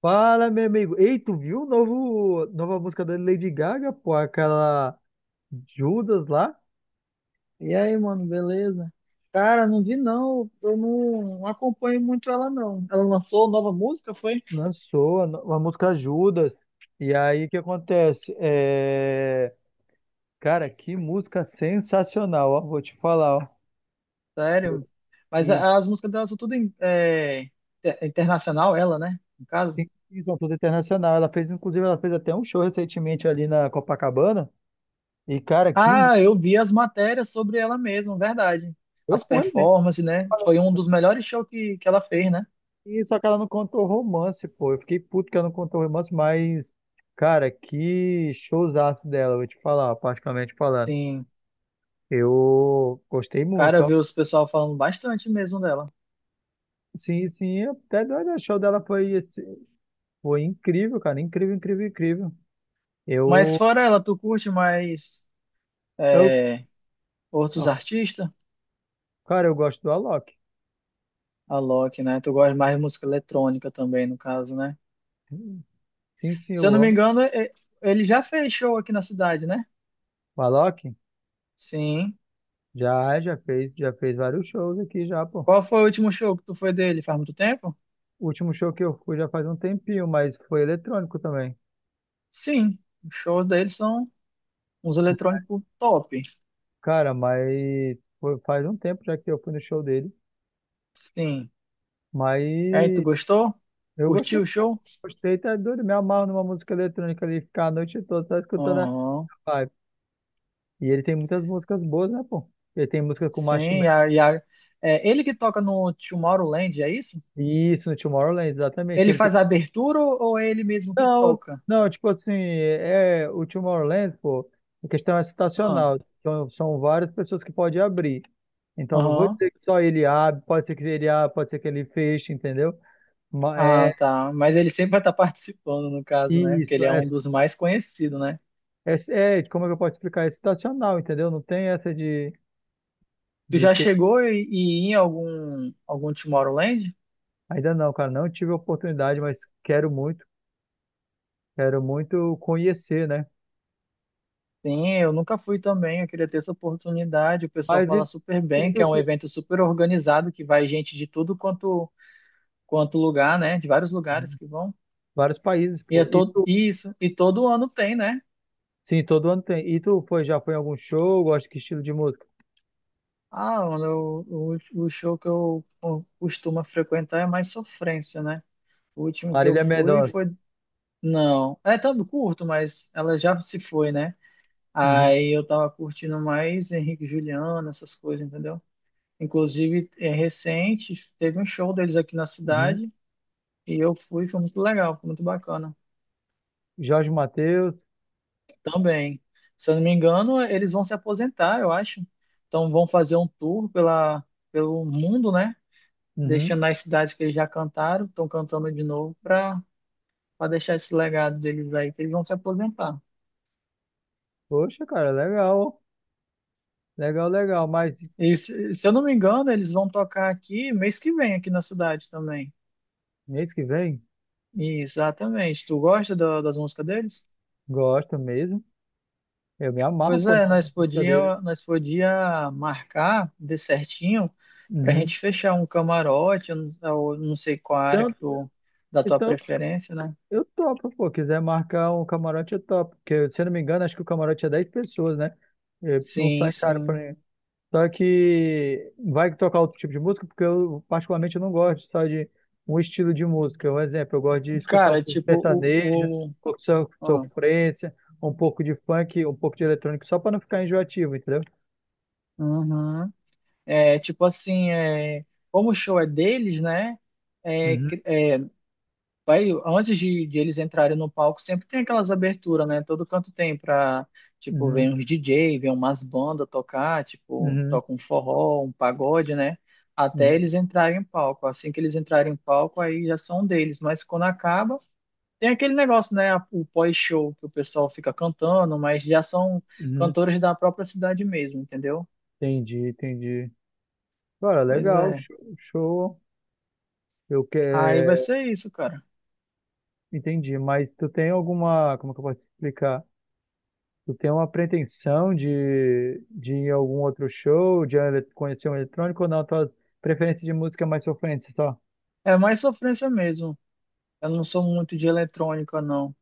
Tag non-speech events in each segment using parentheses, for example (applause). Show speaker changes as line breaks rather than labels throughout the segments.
Fala, meu amigo. Ei, tu viu o nova música da Lady Gaga, pô? Aquela Judas lá?
E aí, mano, beleza? Cara, não vi não, eu não acompanho muito ela não. Ela lançou nova música, foi?
Lançou a, no- a música Judas. E aí, o que acontece? Cara, que música sensacional, ó. Vou te falar, ó.
Sério? Mas
E
as músicas dela são tudo internacional, ela, né? No caso.
tem visão toda internacional. Ela fez, inclusive, ela fez até um show recentemente ali na Copacabana. E,
Ah, eu vi as matérias sobre ela mesma, verdade.
Eu
As
fui, né?
performances, né? Foi um dos melhores shows que ela fez, né?
E só que ela não contou romance, pô. Eu fiquei puto que ela não contou romance, mas, cara, que showzaço dela, vou te falar, particularmente falando.
Sim,
Eu gostei muito,
cara, eu
ó.
vi os pessoal falando bastante mesmo dela.
Sim, sim, até doido. O show dela foi, esse- foi incrível, cara. Incrível, incrível, incrível.
Mas
Eu,
fora ela, tu curte mais
eu,
é, outros
ó,
artistas?
cara, eu gosto do Alok.
A Loki, né? Tu gosta mais de música eletrônica também, no caso, né?
Sim, sim,
Se eu
eu
não me
amo.
engano, ele já fez show aqui na cidade, né?
O Alok
Sim.
já fez vários shows aqui já, pô.
Qual foi o último show que tu foi dele? Faz muito tempo?
O último show que eu fui já faz um tempinho, mas foi eletrônico também.
Sim. Os shows dele são uns eletrônicos top.
Cara, faz um tempo já que eu fui no show dele,
Sim. E aí, tu
mas
gostou?
eu gostei,
Curtiu o
pô.
show?
Gostei, tá doido, me amarro numa música eletrônica ali, ficar a noite toda só escutando a
Aham.
vibe. E ele tem muitas músicas boas, né, pô? Ele tem música com
Sim.
Marshmello,
É ele que toca no Tomorrowland, é isso?
isso, no Tomorrowland, exatamente,
Ele faz a abertura ou é ele mesmo que
Não,
toca?
não, tipo assim, é, o Tomorrowland, pô, a questão é
Ah.
estacional, então são várias pessoas que podem abrir, então não vou
Aham.
dizer que só ele abre, pode ser que ele abra, pode ser que ele feche, entendeu?
Ah,
É,
tá. Mas ele sempre vai estar (laughs) participando, no caso, né? Porque
isso,
ele é um dos mais conhecidos, né?
é, é, como é que eu posso explicar? É situacional, entendeu? Não tem essa de,
Tu
de
já
ter.
chegou e ir em algum Tomorrowland?
Ainda não, cara, não tive a oportunidade, mas quero muito conhecer, né?
Sim, eu nunca fui também. Eu queria ter essa oportunidade. O pessoal
Mas
fala super
e
bem, que
tu,
é um
Cris?
evento super organizado, que vai gente de tudo quanto lugar, né? De vários lugares que vão.
Vários países,
E é
pô. E
todo
tu,
isso. E todo ano tem, né?
sim, todo ano tem. E já foi em algum show? Gosta que estilo de música?
Ah, mano, o show que eu costumo frequentar é mais sofrência, né? O último que eu
Marília
fui
Mendonça.
foi. Não, é tão curto, mas ela já se foi, né?
Uhum,
Aí eu tava curtindo mais Henrique e Juliano, essas coisas, entendeu? Inclusive, é recente, teve um show deles aqui na
uhum.
cidade e eu fui, foi muito legal, foi muito bacana
Jorge Mateus.
também. Se eu não me engano, eles vão se aposentar, eu acho. Então vão fazer um tour pela, pelo mundo, né?
Uhum.
Deixando as cidades que eles já cantaram, estão cantando de novo para deixar esse legado deles aí, que eles vão se aposentar.
Poxa, cara, legal. Legal, legal. Mas
E se eu não me engano, eles vão tocar aqui mês que vem, aqui na cidade também.
mês que vem,
Exatamente. Tu gosta das músicas deles?
gosto mesmo. Eu me amarro,
Pois
por
é,
na
nós
música deles.
podia, nós podia marcar de certinho pra
Uhum.
gente fechar um camarote, eu não sei qual área
Então,
que tu, da tua
então,
preferência, né?
eu topo, pô. Quiser marcar um camarote, eu topo. Porque, se eu não me engano, acho que o camarote é 10 pessoas, né? É, não
Sim,
sai caro pra
sim.
mim. Só que vai tocar outro tipo de música, porque eu, particularmente, eu não gosto só de um estilo de música. Um exemplo, eu gosto de escutar um
Cara,
pouco de
tipo,
sertanejo, um pouco de
ah,
sofrência, um pouco de funk, um pouco de eletrônico, só pra não ficar enjoativo, entendeu?
uhum. É, tipo assim, como o show é deles, né?
Uhum,
Vai, antes de eles entrarem no palco, sempre tem aquelas aberturas, né? Todo canto tem pra, tipo,
uhum,
vem uns DJ, vem umas bandas tocar, tipo,
uhum,
toca um forró, um pagode, né? Até
uhum,
eles entrarem em palco. Assim que eles entrarem em palco, aí já são deles. Mas quando acaba, tem aquele negócio, né? O pós-show, que o pessoal fica cantando, mas já são
uhum.
cantores da própria cidade mesmo, entendeu?
Entendi, entendi. Cara,
Pois
legal,
é.
show. Show. Eu
Aí vai
quero.
ser isso, cara.
Entendi, mas tu tem alguma, como que eu posso te explicar? Tu tem uma pretensão de ir a algum outro show, de conhecer um eletrônico ou não? Tua preferência de música é mais sofrência só?
É mais sofrência mesmo. Eu não sou muito de eletrônica, não.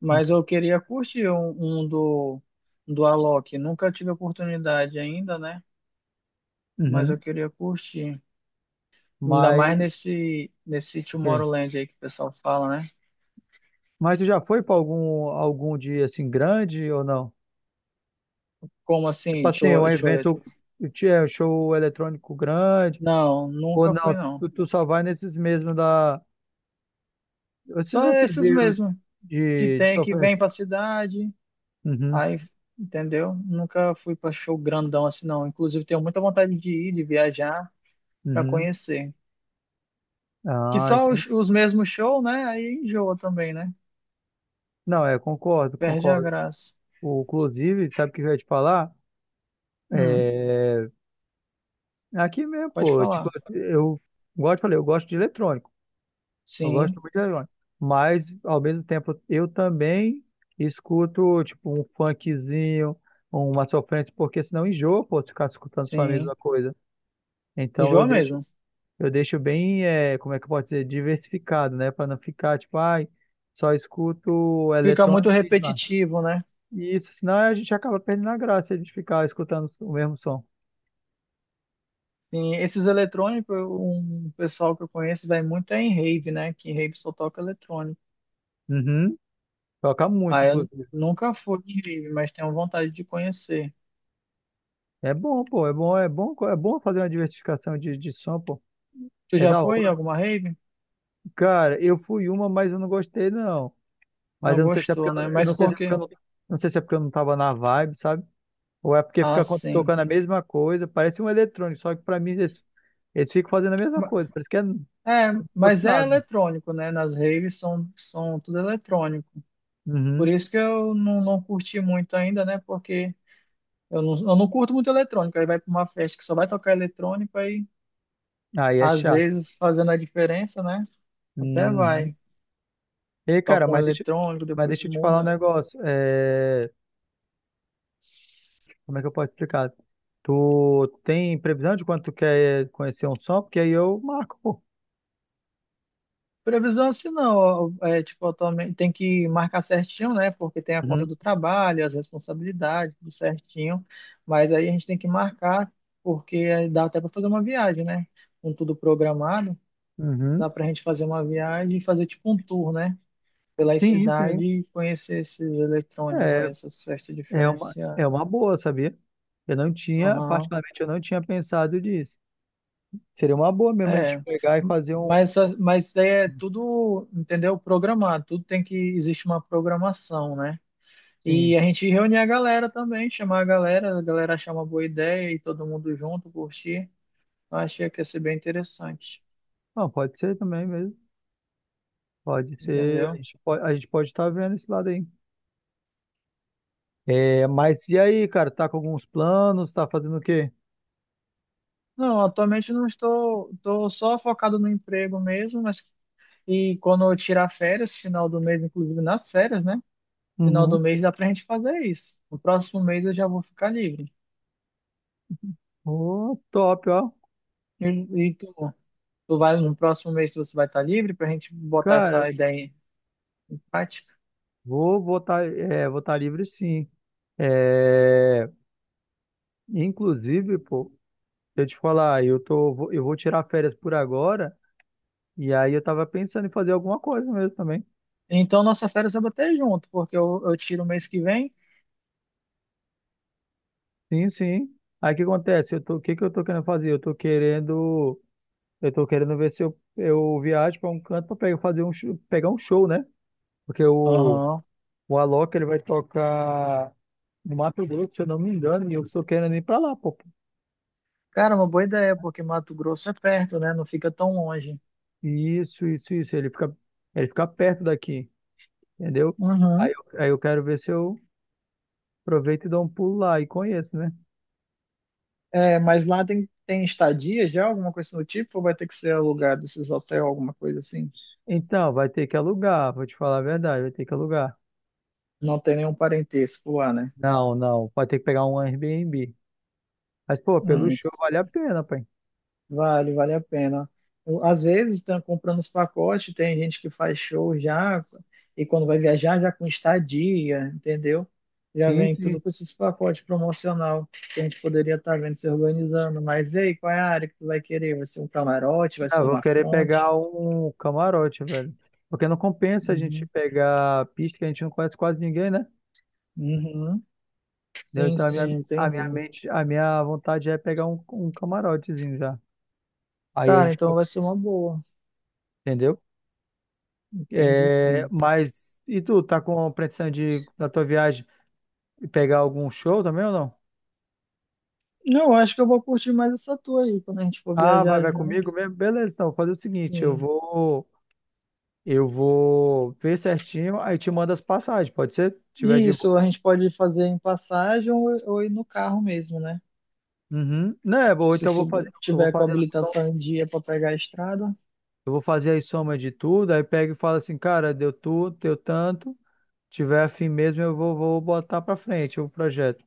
Mas eu queria curtir um do Alok. Nunca tive oportunidade ainda, né? Mas eu
Uhum.
queria curtir. Ainda mais
Mas,
nesse
ok.
Tomorrowland aí que o pessoal fala, né?
Mas tu já foi para algum, algum dia assim grande ou não?
Como
Tipo
assim?
assim, um evento, é, um show eletrônico grande
Não,
ou
nunca fui,
não?
não.
Tu só vai nesses mesmos da, esses
Só
assim
esses
de,
mesmo que
de
tem, que vem pra
sofrência.
cidade.
Uhum,
Aí, entendeu? Nunca fui pra show grandão assim, não. Inclusive, tenho muita vontade de ir, de viajar pra
uhum.
conhecer. Que
Ah,
só
entendi.
os mesmos shows, né? Aí enjoa também, né?
Não, é, concordo,
Perde a
concordo.
graça.
O, inclusive, sabe o que eu ia te falar?
Hum.
É, aqui mesmo,
Pode
pô, tipo,
falar.
eu gosto, falei, eu gosto de eletrônico, eu gosto
Sim,
muito de eletrônico, mas ao mesmo tempo eu também escuto, tipo, um funkzinho, uma sofrência, porque senão enjoa, pô, ficar escutando só a
sim.
mesma coisa. Então eu
Enjoa
deixo,
mesmo.
eu deixo bem, é, como é que eu posso dizer, diversificado, né, para não ficar, tipo, ai, só escuto
Fica muito
eletrônico e demais.
repetitivo, né?
E isso, senão a gente acaba perdendo a graça de ficar escutando o mesmo som.
Sim, esses eletrônicos, um pessoal que eu conheço vai muito é em rave, né? Que em rave só toca eletrônico.
Uhum. Toca muito,
Ah, eu
inclusive.
nunca fui em rave, mas tenho vontade de conhecer.
É bom, pô, é bom, é bom, é bom fazer uma diversificação de som, pô.
Tu
É
já
da
foi em
hora.
alguma rave?
Cara, eu fui uma, mas eu não gostei, não. Mas
Não gostou, né?
eu
Mas
não sei se
por
é porque eu
quê?
não, não sei se é porque eu não tava na vibe, sabe? Ou é porque
Ah,
fica
sim.
tocando a mesma coisa, parece um eletrônico, só que pra mim eles ficam fazendo a mesma
Ma-
coisa, parece que é como
É,
se fosse
mas é
nada.
eletrônico, né? Nas raves são tudo eletrônico. Por
Uhum.
isso que eu não curti muito ainda, né? Porque eu não curto muito eletrônico. Aí vai pra uma festa que só vai tocar eletrônico, aí
Aí é
às
chato.
vezes fazendo a diferença, né? Até
Uhum.
vai.
Ei, cara,
Toca um eletrônico,
mas
depois
deixa eu te falar um
muda.
negócio. É, como é que eu posso explicar? Tu tem previsão de quando tu quer conhecer um som? Porque aí eu marco, pô.
Previsão assim não. Ó, tipo, eu também tem que marcar certinho, né? Porque tem a conta
Uhum,
do trabalho, as responsabilidades, tudo certinho. Mas aí a gente tem que marcar, porque aí dá até para fazer uma viagem, né? Com tudo programado,
uhum.
dá pra gente fazer uma viagem e fazer tipo um tour, né? Pelas
Sim,
cidades
sim.
e conhecer esses eletrônicos,
É,
essas festas diferenciadas.
é uma boa, sabia? Eu não tinha,
Aham.
particularmente, eu não tinha pensado nisso. Seria uma boa mesmo a gente
É.
pegar e fazer um.
Mas é tudo, entendeu? Programado, tudo tem que existe uma programação, né?
Sim.
E a gente reunir a galera também, chamar a galera achar uma boa ideia e todo mundo junto curtir. Eu achei que ia ser bem interessante,
Não, pode ser também mesmo. Pode ser.
entendeu?
A gente pode estar vendo esse lado aí. É, mas e aí, cara? Tá com alguns planos? Tá fazendo o quê?
Não, atualmente não estou, só focado no emprego mesmo, mas e quando eu tirar férias, final do mês, inclusive nas férias, né? Final do
Uhum.
mês dá pra gente fazer isso. No próximo mês eu já vou ficar livre.
Ô, top, ó.
E, e tu vai no próximo mês você vai estar livre pra gente botar
Cara,
essa ideia em prática.
votar livre sim. É, inclusive, pô, eu te falar, eu tô, vou- eu vou tirar férias por agora, e aí eu tava pensando em fazer alguma coisa mesmo também.
Então nossa férias vai bater junto, porque eu tiro o mês que vem.
Sim, sim. Aí o que acontece? O que que eu tô querendo fazer? Eu tô querendo ver se eu viajo para um canto para pegar, pegar um show, né? Porque
Aham.
o Alok, ele vai tocar no Mato Grosso, se eu não me engano, e eu tô querendo ir para lá, pô.
Cara, uma boa ideia, porque Mato Grosso é perto, né? Não fica tão longe.
Isso, isso, isso. Ele fica perto daqui, entendeu?
Uhum.
Aí eu quero ver se eu aproveito e dou um pulo lá e conheço, né?
É, mas lá tem estadia já, alguma coisa do tipo, ou vai ter que ser alugado esses hotéis, alguma coisa assim?
Então, vai ter que alugar, vou te falar a verdade, vai ter que alugar.
Não tem nenhum parentesco lá, né?
Não, não, vai ter que pegar um Airbnb. Mas, pô, pelo
Hum.
show vale a pena, pai.
Vale, vale a pena. Às vezes, estão comprando os pacotes, tem gente que faz show já, e quando vai viajar, já com estadia, entendeu? Já
Sim,
vem tudo
sim.
com esses pacotes promocional que a gente poderia estar vendo se organizando. Mas e aí, qual é a área que tu vai querer? Vai ser um camarote? Vai
Ah,
ser
vou
uma
querer pegar
fronte?
um camarote, velho. Porque não compensa a gente
Uhum.
pegar pista que a gente não conhece quase ninguém, né?
Uhum.
Entendeu?
Sim,
Então,
sim,
a
entendi.
minha mente, a minha vontade é pegar um camarotezinho já. Aí a
Cara,
gente,
então vai
pode-
ser uma boa.
entendeu?
Entendi,
É,
sim.
mas e tu, tá com pretensão de, na tua viagem, pegar algum show também ou não?
Não, eu acho que eu vou curtir mais essa tua aí, quando a gente for
Ah, vai,
viajar
vai
junto.
comigo mesmo? Beleza, então, vou fazer o seguinte,
Sim.
eu vou ver certinho, aí te mando as passagens, pode ser? Se tiver
E
de boa.
isso a gente pode fazer em passagem ou ir no carro mesmo, né?
Uhum. Né, bom,
Se
eu vou
tiver com a
fazer a soma,
habilitação em dia para pegar a estrada,
eu vou fazer a soma de tudo, aí pega e fala assim, cara, deu tudo, deu tanto, tiver afim mesmo, vou botar pra frente o projeto.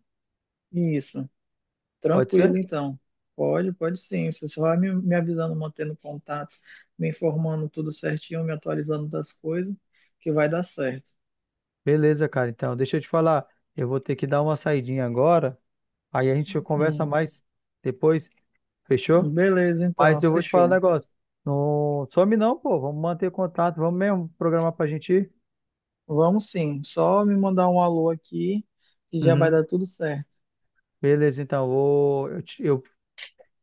isso.
Pode ser?
Tranquilo, então. Pode, pode sim. Você só vai me avisando, mantendo contato, me informando tudo certinho, me atualizando das coisas, que vai dar certo.
Beleza, cara, então, deixa eu te falar, eu vou ter que dar uma saidinha agora. Aí a gente conversa
Hum.
mais depois, fechou?
Beleza, então,
Mas eu vou te falar um
fechou.
negócio. Não some não, pô. Vamos manter contato, vamos mesmo programar pra gente ir.
Vamos sim. Só me mandar um alô aqui, que já vai
Uhum.
dar tudo certo.
Beleza, então, vou, eu, te-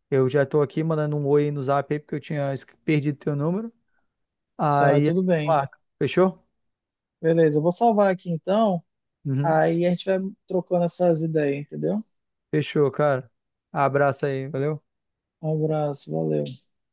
eu já tô aqui mandando um oi no zap aí, porque eu tinha perdido teu número.
Tá,
Aí a
tudo
gente
bem.
marca, fechou?
Beleza, eu vou salvar aqui então.
Uhum.
Aí a gente vai trocando essas ideias, entendeu?
Fechou, cara. Abraço aí, valeu?
Um abraço, valeu.